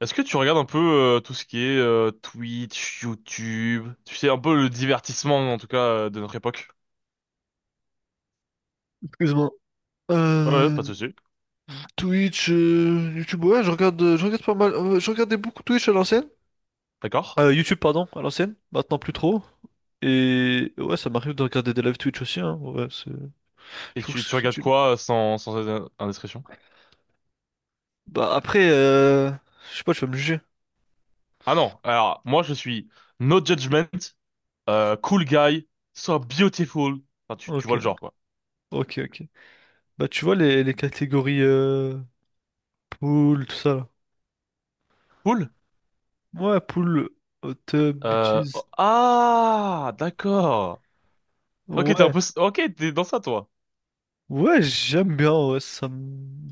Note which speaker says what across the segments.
Speaker 1: Est-ce que tu regardes un peu tout ce qui est Twitch, YouTube, tu sais, un peu le divertissement en tout cas de notre époque?
Speaker 2: Excuse-moi.
Speaker 1: Ouais, ouais, pas de
Speaker 2: Euh,
Speaker 1: souci.
Speaker 2: Twitch, YouTube, ouais, je regarde pas mal. Je regardais beaucoup Twitch à l'ancienne.
Speaker 1: D'accord.
Speaker 2: YouTube, pardon, à l'ancienne. Maintenant plus trop. Et ouais, ça m'arrive de regarder des lives Twitch aussi, hein. Ouais, c'est.
Speaker 1: Et
Speaker 2: Je trouve que
Speaker 1: tu
Speaker 2: c'est
Speaker 1: regardes
Speaker 2: utile.
Speaker 1: quoi sans, sans indiscrétion?
Speaker 2: Bah après, je sais pas, tu vas me juger.
Speaker 1: Ah non, alors moi je suis no judgment, cool guy, so beautiful. Enfin, tu
Speaker 2: Ok,
Speaker 1: vois le genre quoi.
Speaker 2: ok, ok. Bah tu vois les catégories pool, tout ça là.
Speaker 1: Cool?
Speaker 2: Ouais, pool, hot tub, bitches.
Speaker 1: Oh, d'accord. Ok, t'es un
Speaker 2: Ouais,
Speaker 1: peu... Ok, t'es dans ça toi.
Speaker 2: ouais, j'aime bien. Ouais, ça me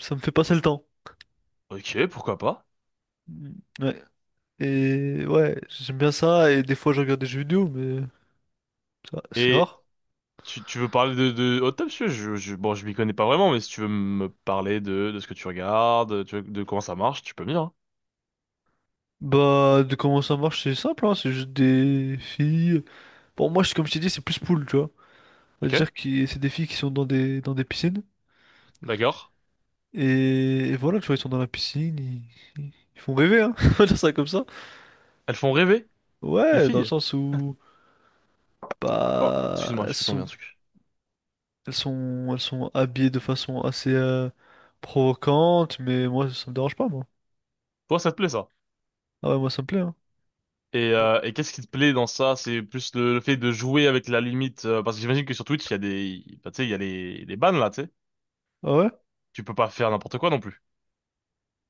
Speaker 2: ça me fait passer le temps.
Speaker 1: Ok, pourquoi pas.
Speaker 2: Mm, Ouais. Et ouais, j'aime bien ça, et des fois je regarde des jeux vidéo, mais ça, c'est
Speaker 1: Et
Speaker 2: rare.
Speaker 1: tu veux parler de Hot Top, je m'y connais pas vraiment, mais si tu veux me parler de ce que tu regardes, tu veux- de comment ça marche, tu peux venir, hein.
Speaker 2: Bah, de comment ça marche, c'est simple, hein, c'est juste des filles. Bon, moi, je- comme je t'ai dit, c'est plus pool, tu vois.
Speaker 1: Ok,
Speaker 2: C'est-à-dire que c'est des filles qui sont dans des piscines,
Speaker 1: d'accord.
Speaker 2: et voilà, tu vois, ils sont dans la piscine, ils, ils font rêver, hein, on va dire ça comme ça.
Speaker 1: Elles font rêver, les
Speaker 2: Ouais, dans le
Speaker 1: filles.
Speaker 2: sens où,
Speaker 1: Oh,
Speaker 2: bah,
Speaker 1: excuse-moi, j'ai fait tomber un truc.
Speaker 2: elles sont habillées de façon assez provocante, mais moi, ça me dérange pas, moi.
Speaker 1: Toi, ça te plaît, ça?
Speaker 2: Ah ouais, moi, ça me plaît, hein.
Speaker 1: Et qu'est-ce qui te plaît dans ça? C'est plus le fait de jouer avec la limite, parce que j'imagine que sur Twitch, il y a des, bah, tu sais, il y a les bans, là, tu sais.
Speaker 2: Ah
Speaker 1: Tu peux pas faire n'importe quoi non plus.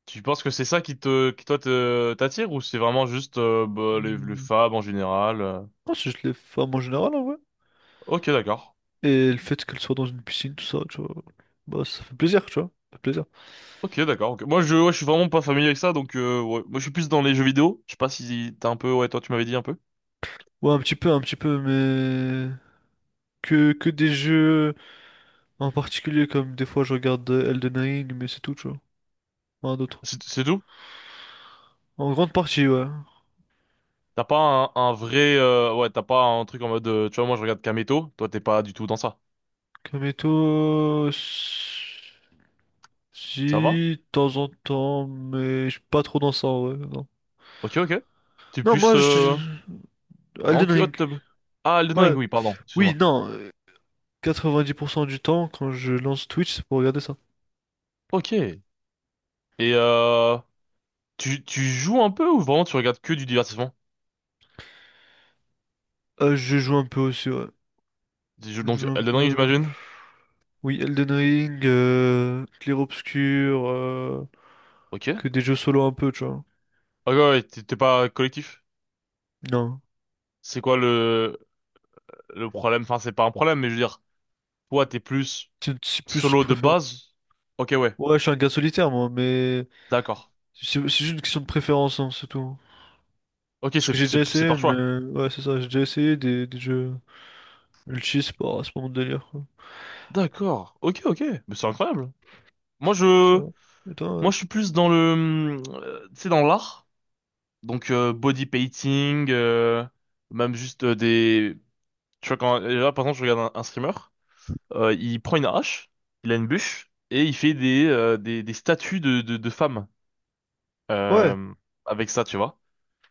Speaker 1: Tu penses que c'est ça qui te, qui toi te, t'attire, ou c'est vraiment juste, bah, les
Speaker 2: ouais?
Speaker 1: femmes en général?
Speaker 2: Pense que je les femmes en général, en vrai.
Speaker 1: Ok, d'accord.
Speaker 2: Et le fait qu'elles soient dans une piscine, tout ça, tu vois. Bah, ça fait plaisir, tu vois. Ça fait plaisir.
Speaker 1: Ok, d'accord, ok. Moi, ouais, je suis vraiment pas familier avec ça, donc ouais. Moi, je suis plus dans les jeux vidéo. Je sais pas si t'as un peu. Ouais, toi, tu m'avais dit un peu.
Speaker 2: Ouais, un petit peu, mais... Que des jeux en particulier, comme des fois je regarde Elden Ring, mais c'est tout, tu vois. Rien d'autre.
Speaker 1: C'est tout?
Speaker 2: En grande partie, ouais.
Speaker 1: T'as pas un, un vrai. Ouais, t'as pas un truc en mode. Tu vois, moi, je regarde Kameto. Toi, t'es pas du tout dans ça.
Speaker 2: Kameto... Si,
Speaker 1: Ça va?
Speaker 2: de temps en temps, mais je suis pas trop dans ça, ouais. Non,
Speaker 1: Ok, ok. T'es
Speaker 2: non
Speaker 1: plus
Speaker 2: moi, je...
Speaker 1: en
Speaker 2: Elden Ring.
Speaker 1: hot tub. Ah, Elden
Speaker 2: Ouais.
Speaker 1: Ring, oui, pardon.
Speaker 2: Oui,
Speaker 1: Excuse-moi.
Speaker 2: non. 90% du temps, quand je lance Twitch, c'est pour regarder ça.
Speaker 1: Ok. Et tu joues un peu ou vraiment tu regardes que du divertissement?
Speaker 2: Je joue un peu aussi, ouais.
Speaker 1: Tu joues
Speaker 2: Je
Speaker 1: donc
Speaker 2: joue un
Speaker 1: Elden Ring,
Speaker 2: peu.
Speaker 1: j'imagine.
Speaker 2: Oui, Elden Ring, Clair Obscur,
Speaker 1: Ok.
Speaker 2: que des jeux solo un peu, tu vois.
Speaker 1: Ok, ouais, t'es pas collectif.
Speaker 2: Non.
Speaker 1: C'est quoi le problème? Enfin, c'est pas un problème, mais je veux dire. Toi, t'es plus
Speaker 2: C'est plus
Speaker 1: solo de
Speaker 2: préférence.
Speaker 1: base. Ok, ouais,
Speaker 2: Ouais, je suis un gars solitaire, moi, mais
Speaker 1: d'accord.
Speaker 2: c'est juste une question de préférence, hein, c'est tout.
Speaker 1: Ok,
Speaker 2: Parce que j'ai
Speaker 1: c'est
Speaker 2: déjà essayé,
Speaker 1: par choix.
Speaker 2: mais ouais, c'est ça, j'ai déjà essayé des jeux multi, c'est pas mon délire, quoi.
Speaker 1: D'accord. Ok, ok. Mais c'est incroyable. Moi,
Speaker 2: Ouais, ça
Speaker 1: je
Speaker 2: va. Et toi, ouais.
Speaker 1: je suis plus dans le tu sais dans l'art. Donc body painting, même juste des tu vois quand là par exemple je regarde un streamer, il prend une hache, il a une bûche et il fait des des statues de de femmes
Speaker 2: Ouais,
Speaker 1: euh, avec ça, tu vois.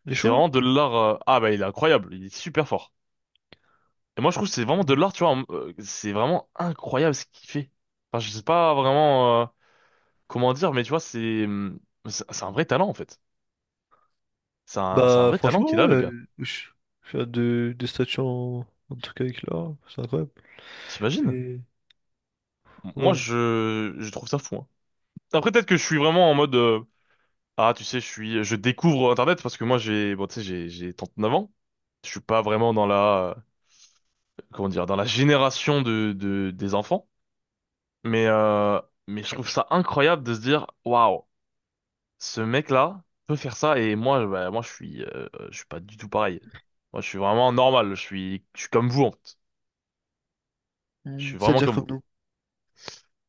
Speaker 2: il est
Speaker 1: C'est
Speaker 2: chaud?
Speaker 1: vraiment de l'art. Ah bah il est incroyable, il est super fort. Et moi, je trouve que c'est vraiment
Speaker 2: Ouais.
Speaker 1: de l'art, tu vois. C'est vraiment incroyable ce qu'il fait. Enfin, je sais pas vraiment comment dire, mais tu vois, c'est un vrai talent en fait. C'est un
Speaker 2: Bah,
Speaker 1: vrai talent
Speaker 2: franchement,
Speaker 1: qu'il a, le
Speaker 2: ouais.
Speaker 1: gars.
Speaker 2: Je je fais des statues en, en tout cas avec là c'est incroyable.
Speaker 1: T'imagines?
Speaker 2: Et ouais.
Speaker 1: Je trouve ça fou, hein. Après, peut-être que je suis vraiment en mode ah, tu sais, je découvre Internet parce que moi, bon, tu sais, j'ai 39 ans. Je suis pas vraiment dans la, comment dire, dans la génération de des enfants. Mais, euh, mais je trouve ça incroyable de se dire, waouh. Ce mec-là peut faire ça et moi, bah, moi je suis pas du tout pareil. Moi, je suis vraiment normal. Je suis comme vous en fait. Je
Speaker 2: Hmm.
Speaker 1: suis vraiment
Speaker 2: C'est-à-dire
Speaker 1: comme
Speaker 2: comme
Speaker 1: vous.
Speaker 2: nous.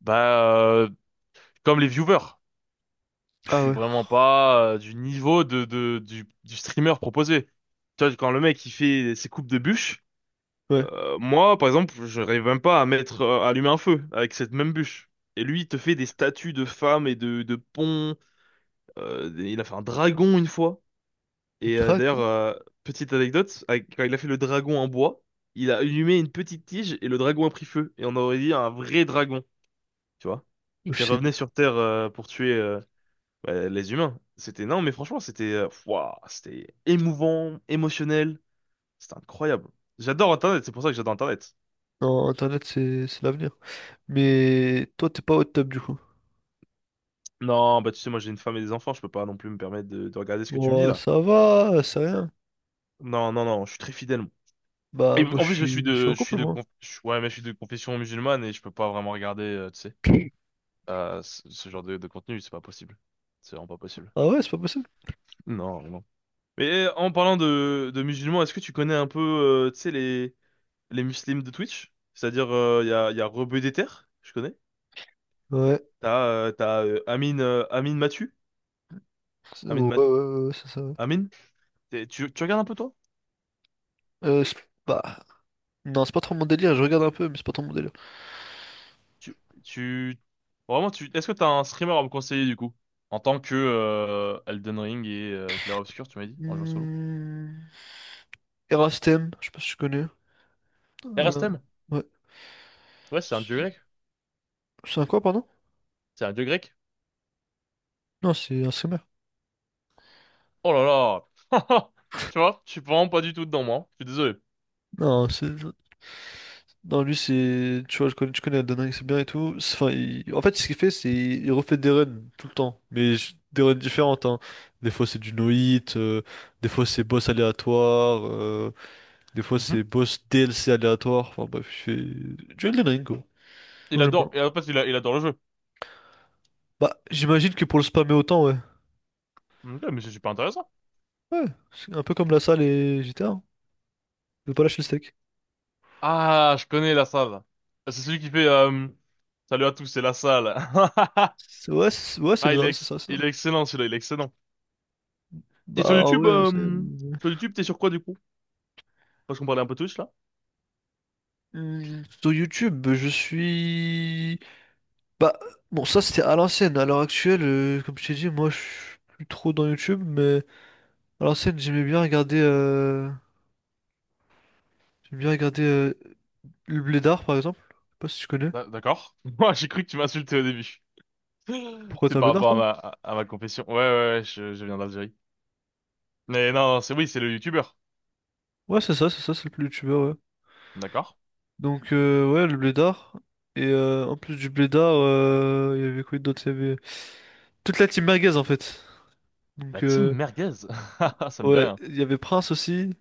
Speaker 1: Bah, euh, Comme les viewers. Je
Speaker 2: Ah
Speaker 1: suis
Speaker 2: ouais,
Speaker 1: vraiment pas du niveau de, du streamer proposé. Tu vois, quand le mec il fait ses coupes de bûches,
Speaker 2: ouais.
Speaker 1: moi par exemple, je rêve même pas à mettre, à allumer un feu avec cette même bûche. Et lui, il te fait des statues de femmes et de ponts. Il a fait un dragon une fois. Et
Speaker 2: Dragon?
Speaker 1: petite anecdote, avec- quand il a fait le dragon en bois, il a allumé une petite tige et le dragon a pris feu. Et on aurait dit un vrai dragon, tu vois,
Speaker 2: Je
Speaker 1: qui
Speaker 2: sais.
Speaker 1: revenait sur Terre pour tuer bah, les humains. C'était non, mais franchement, c'était ouah, c'était émouvant, émotionnel, c'était incroyable. J'adore Internet, c'est pour ça que j'adore Internet.
Speaker 2: Non, Internet, c'est l'avenir. Mais toi, t'es pas au top du coup.
Speaker 1: Non, bah tu sais, moi j'ai une femme et des enfants, je peux pas non plus me permettre de regarder ce que tu me dis
Speaker 2: Bon,
Speaker 1: là.
Speaker 2: ça va, c'est rien.
Speaker 1: Non, non, non, je suis très fidèle, moi. Et
Speaker 2: Bah, moi, je
Speaker 1: en plus,
Speaker 2: suis, je suis en
Speaker 1: je suis
Speaker 2: couple,
Speaker 1: de,
Speaker 2: moi.
Speaker 1: conf- je- ouais, mais je suis de confession musulmane et je peux pas vraiment regarder, tu sais, à ce genre de contenu, c'est pas possible. C'est vraiment pas possible.
Speaker 2: Ah ouais, c'est pas possible.
Speaker 1: Non, non. Mais eh, en parlant de musulmans, est-ce que tu connais un peu, tu sais, les muslims de Twitch? C'est-à-dire, il y a, y a Rebeu des Terres, je connais.
Speaker 2: Ouais,
Speaker 1: T'as Amine, Amine Mathieu. Amine, Ma-
Speaker 2: ouais, c'est ça. Ouais.
Speaker 1: Amine? T'es- tu regardes un peu, toi?
Speaker 2: Euh, c'est- Bah, non, c'est pas trop mon délire. Je regarde un peu, mais c'est pas trop mon délire.
Speaker 1: Tu, tu... Est-ce que t'as un streamer à me conseiller, du coup? En tant que Elden Ring et Clair Obscur, tu m'as dit, en jeu solo.
Speaker 2: Hmm. Erastem, je sais pas si tu connais. Euh,
Speaker 1: Erastem?
Speaker 2: ouais.
Speaker 1: Ouais, c'est un dieu
Speaker 2: C'est
Speaker 1: grec.
Speaker 2: c'est un quoi, pardon?
Speaker 1: C'est un dieu grec.
Speaker 2: Non, c'est un streamer.
Speaker 1: Oh là là! Tu vois, je suis vraiment pas du tout dedans, moi. Je suis désolé.
Speaker 2: Non, c'est. Non, lui, c'est. Tu vois, je connais Adana, c'est bien et tout. C'est- Enfin, il- En fait, ce qu'il fait, c'est. Il refait des runs tout le temps. Mais je- des runs différentes, hein. Des fois, c'est du no-hit. Des fois, c'est boss aléatoire. Des fois,
Speaker 1: Mhm.
Speaker 2: c'est boss DLC aléatoire. Enfin, bref, je fais. Du Elden Ring, quoi. Donc,
Speaker 1: Il
Speaker 2: j'aime
Speaker 1: adore,
Speaker 2: bien.
Speaker 1: et en fait, il adore le jeu.
Speaker 2: Bah, j'imagine que pour le spammer autant, ouais.
Speaker 1: Ok, mais c'est super intéressant.
Speaker 2: Ouais, c'est un peu comme la salle et GTA. Hein. Je vais pas lâcher le steak.
Speaker 1: Ah, je connais la salle. C'est celui qui fait, salut à tous, c'est la salle.
Speaker 2: Ouais, c'est
Speaker 1: Ah,
Speaker 2: ça, c'est ça, c'est ça.
Speaker 1: il est excellent, celui-là, il est excellent. Et sur
Speaker 2: Bah,
Speaker 1: YouTube,
Speaker 2: ouais, c'est.
Speaker 1: sur YouTube, t'es sur quoi, du coup? Parce qu'on parlait un peu Twitch, là.
Speaker 2: Sur YouTube, je suis. Bah, bon, ça c'était à l'ancienne. À l'heure actuelle, comme je t'ai dit, moi je suis plus trop dans YouTube, mais à l'ancienne, j'aimais bien regarder le Blédard par exemple. Je sais pas si tu connais.
Speaker 1: D'accord. Moi, j'ai cru que tu m'insultais au début.
Speaker 2: Pourquoi
Speaker 1: C'est
Speaker 2: t'as un
Speaker 1: par
Speaker 2: Blédard,
Speaker 1: rapport à
Speaker 2: toi?
Speaker 1: ma, à ma confession. Ouais, ouais, ouais, je viens d'Algérie. Mais non, c'est oui, c'est le YouTuber.
Speaker 2: Ouais, c'est ça, c'est ça, c'est le plus youtubeur, ouais.
Speaker 1: D'accord.
Speaker 2: Donc, ouais, le Blédard. Et en plus du Blédard, il y avait quoi d'autre? Il y avait toute la team merguez en fait.
Speaker 1: La
Speaker 2: Donc,
Speaker 1: team merguez. Ça me dit
Speaker 2: ouais,
Speaker 1: rien.
Speaker 2: il y avait Prince aussi.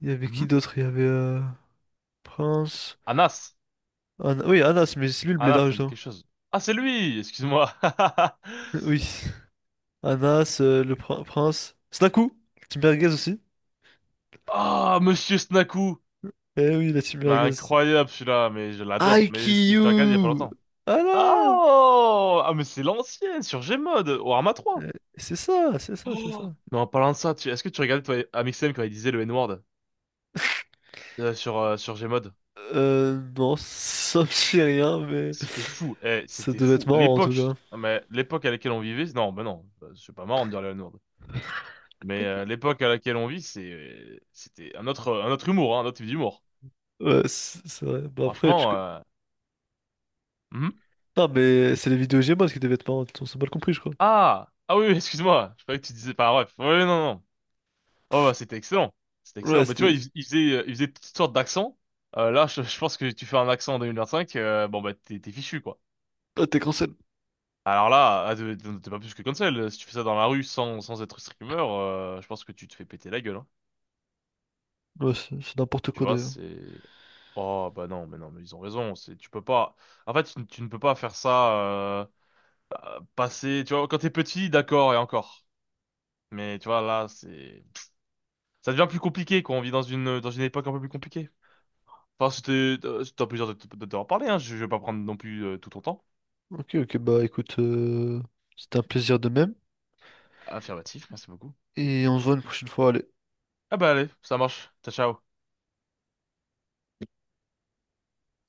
Speaker 2: Il y avait qui
Speaker 1: Mhm.
Speaker 2: d'autre? Il y avait Prince.
Speaker 1: Anas.
Speaker 2: Anna- Oui, Anas, mais c'est lui le
Speaker 1: Anas,
Speaker 2: Blédard,
Speaker 1: ça me dit
Speaker 2: justement.
Speaker 1: quelque chose. Ah, c'est lui! Excuse-moi.
Speaker 2: Oui. Anas, le prince. Snaku, Team Merguez aussi.
Speaker 1: Ah, Monsieur Snaku.
Speaker 2: Eh oui, la Team
Speaker 1: Mais
Speaker 2: Merguez.
Speaker 1: incroyable celui-là, mais je l'adore. Mais je le regarde il y a pas
Speaker 2: IQ!
Speaker 1: longtemps.
Speaker 2: Ah là!
Speaker 1: Oh! Ah, mais c'est l'ancien, sur Gmod, Warhammer 3.
Speaker 2: Euh, C'est ça, c'est ça.
Speaker 1: Mais en parlant de ça, tu- est-ce que tu regardais toi Amixem quand il disait le N-word sur Gmod?
Speaker 2: Non, ça me dit rien, mais
Speaker 1: C'était fou, eh,
Speaker 2: ça
Speaker 1: c'était
Speaker 2: devait être
Speaker 1: fou.
Speaker 2: marrant en tout
Speaker 1: L'époque,
Speaker 2: cas.
Speaker 1: ah, mais l'époque à laquelle on vivait, non, ben non, c'est pas marrant de dire le N-word. Mais l'époque à laquelle on vit, c'est, c'était un autre humour, hein, un autre type d'humour.
Speaker 2: Ouais, c'est vrai. Bah après,
Speaker 1: Franchement, mhm.
Speaker 2: non, mais c'est les vidéos Gmod qui devaient être marrantes, on s'est mal compris, je crois.
Speaker 1: Ah! Ah oui, oui, excuse-moi. Je croyais que tu disais par ref. Oui, non, non. Oh, bah, c'était excellent. C'était excellent.
Speaker 2: Ouais,
Speaker 1: Bah, tu vois,
Speaker 2: c'était...
Speaker 1: il faisait toutes sortes d'accents. Là, je pense que tu fais un accent en 2025, bon, bah, t'es fichu, quoi.
Speaker 2: Ah, t'es cancel.
Speaker 1: Alors là, ah, t'es pas plus que cancel. Si tu fais ça dans la rue sans, sans être streamer, je pense que tu te fais péter la gueule, hein.
Speaker 2: Ouais, c'est n'importe
Speaker 1: Tu
Speaker 2: quoi
Speaker 1: vois,
Speaker 2: d'ailleurs.
Speaker 1: c'est... Oh bah non mais non mais ils ont raison c'est tu peux pas en fait tu ne peux pas faire ça euh, passer tu vois quand t'es petit d'accord et encore mais tu vois là c'est ça devient plus compliqué quand on vit dans une époque un peu plus compliquée. Enfin, c'était c'était un plaisir de t'en parler, hein. Je vais pas prendre non plus tout ton temps.
Speaker 2: Ok, ok, bah écoute, c'était un plaisir de même,
Speaker 1: Affirmatif, merci beaucoup.
Speaker 2: et on se voit une prochaine fois, allez.
Speaker 1: Ah bah allez, ça marche. Ciao, ciao.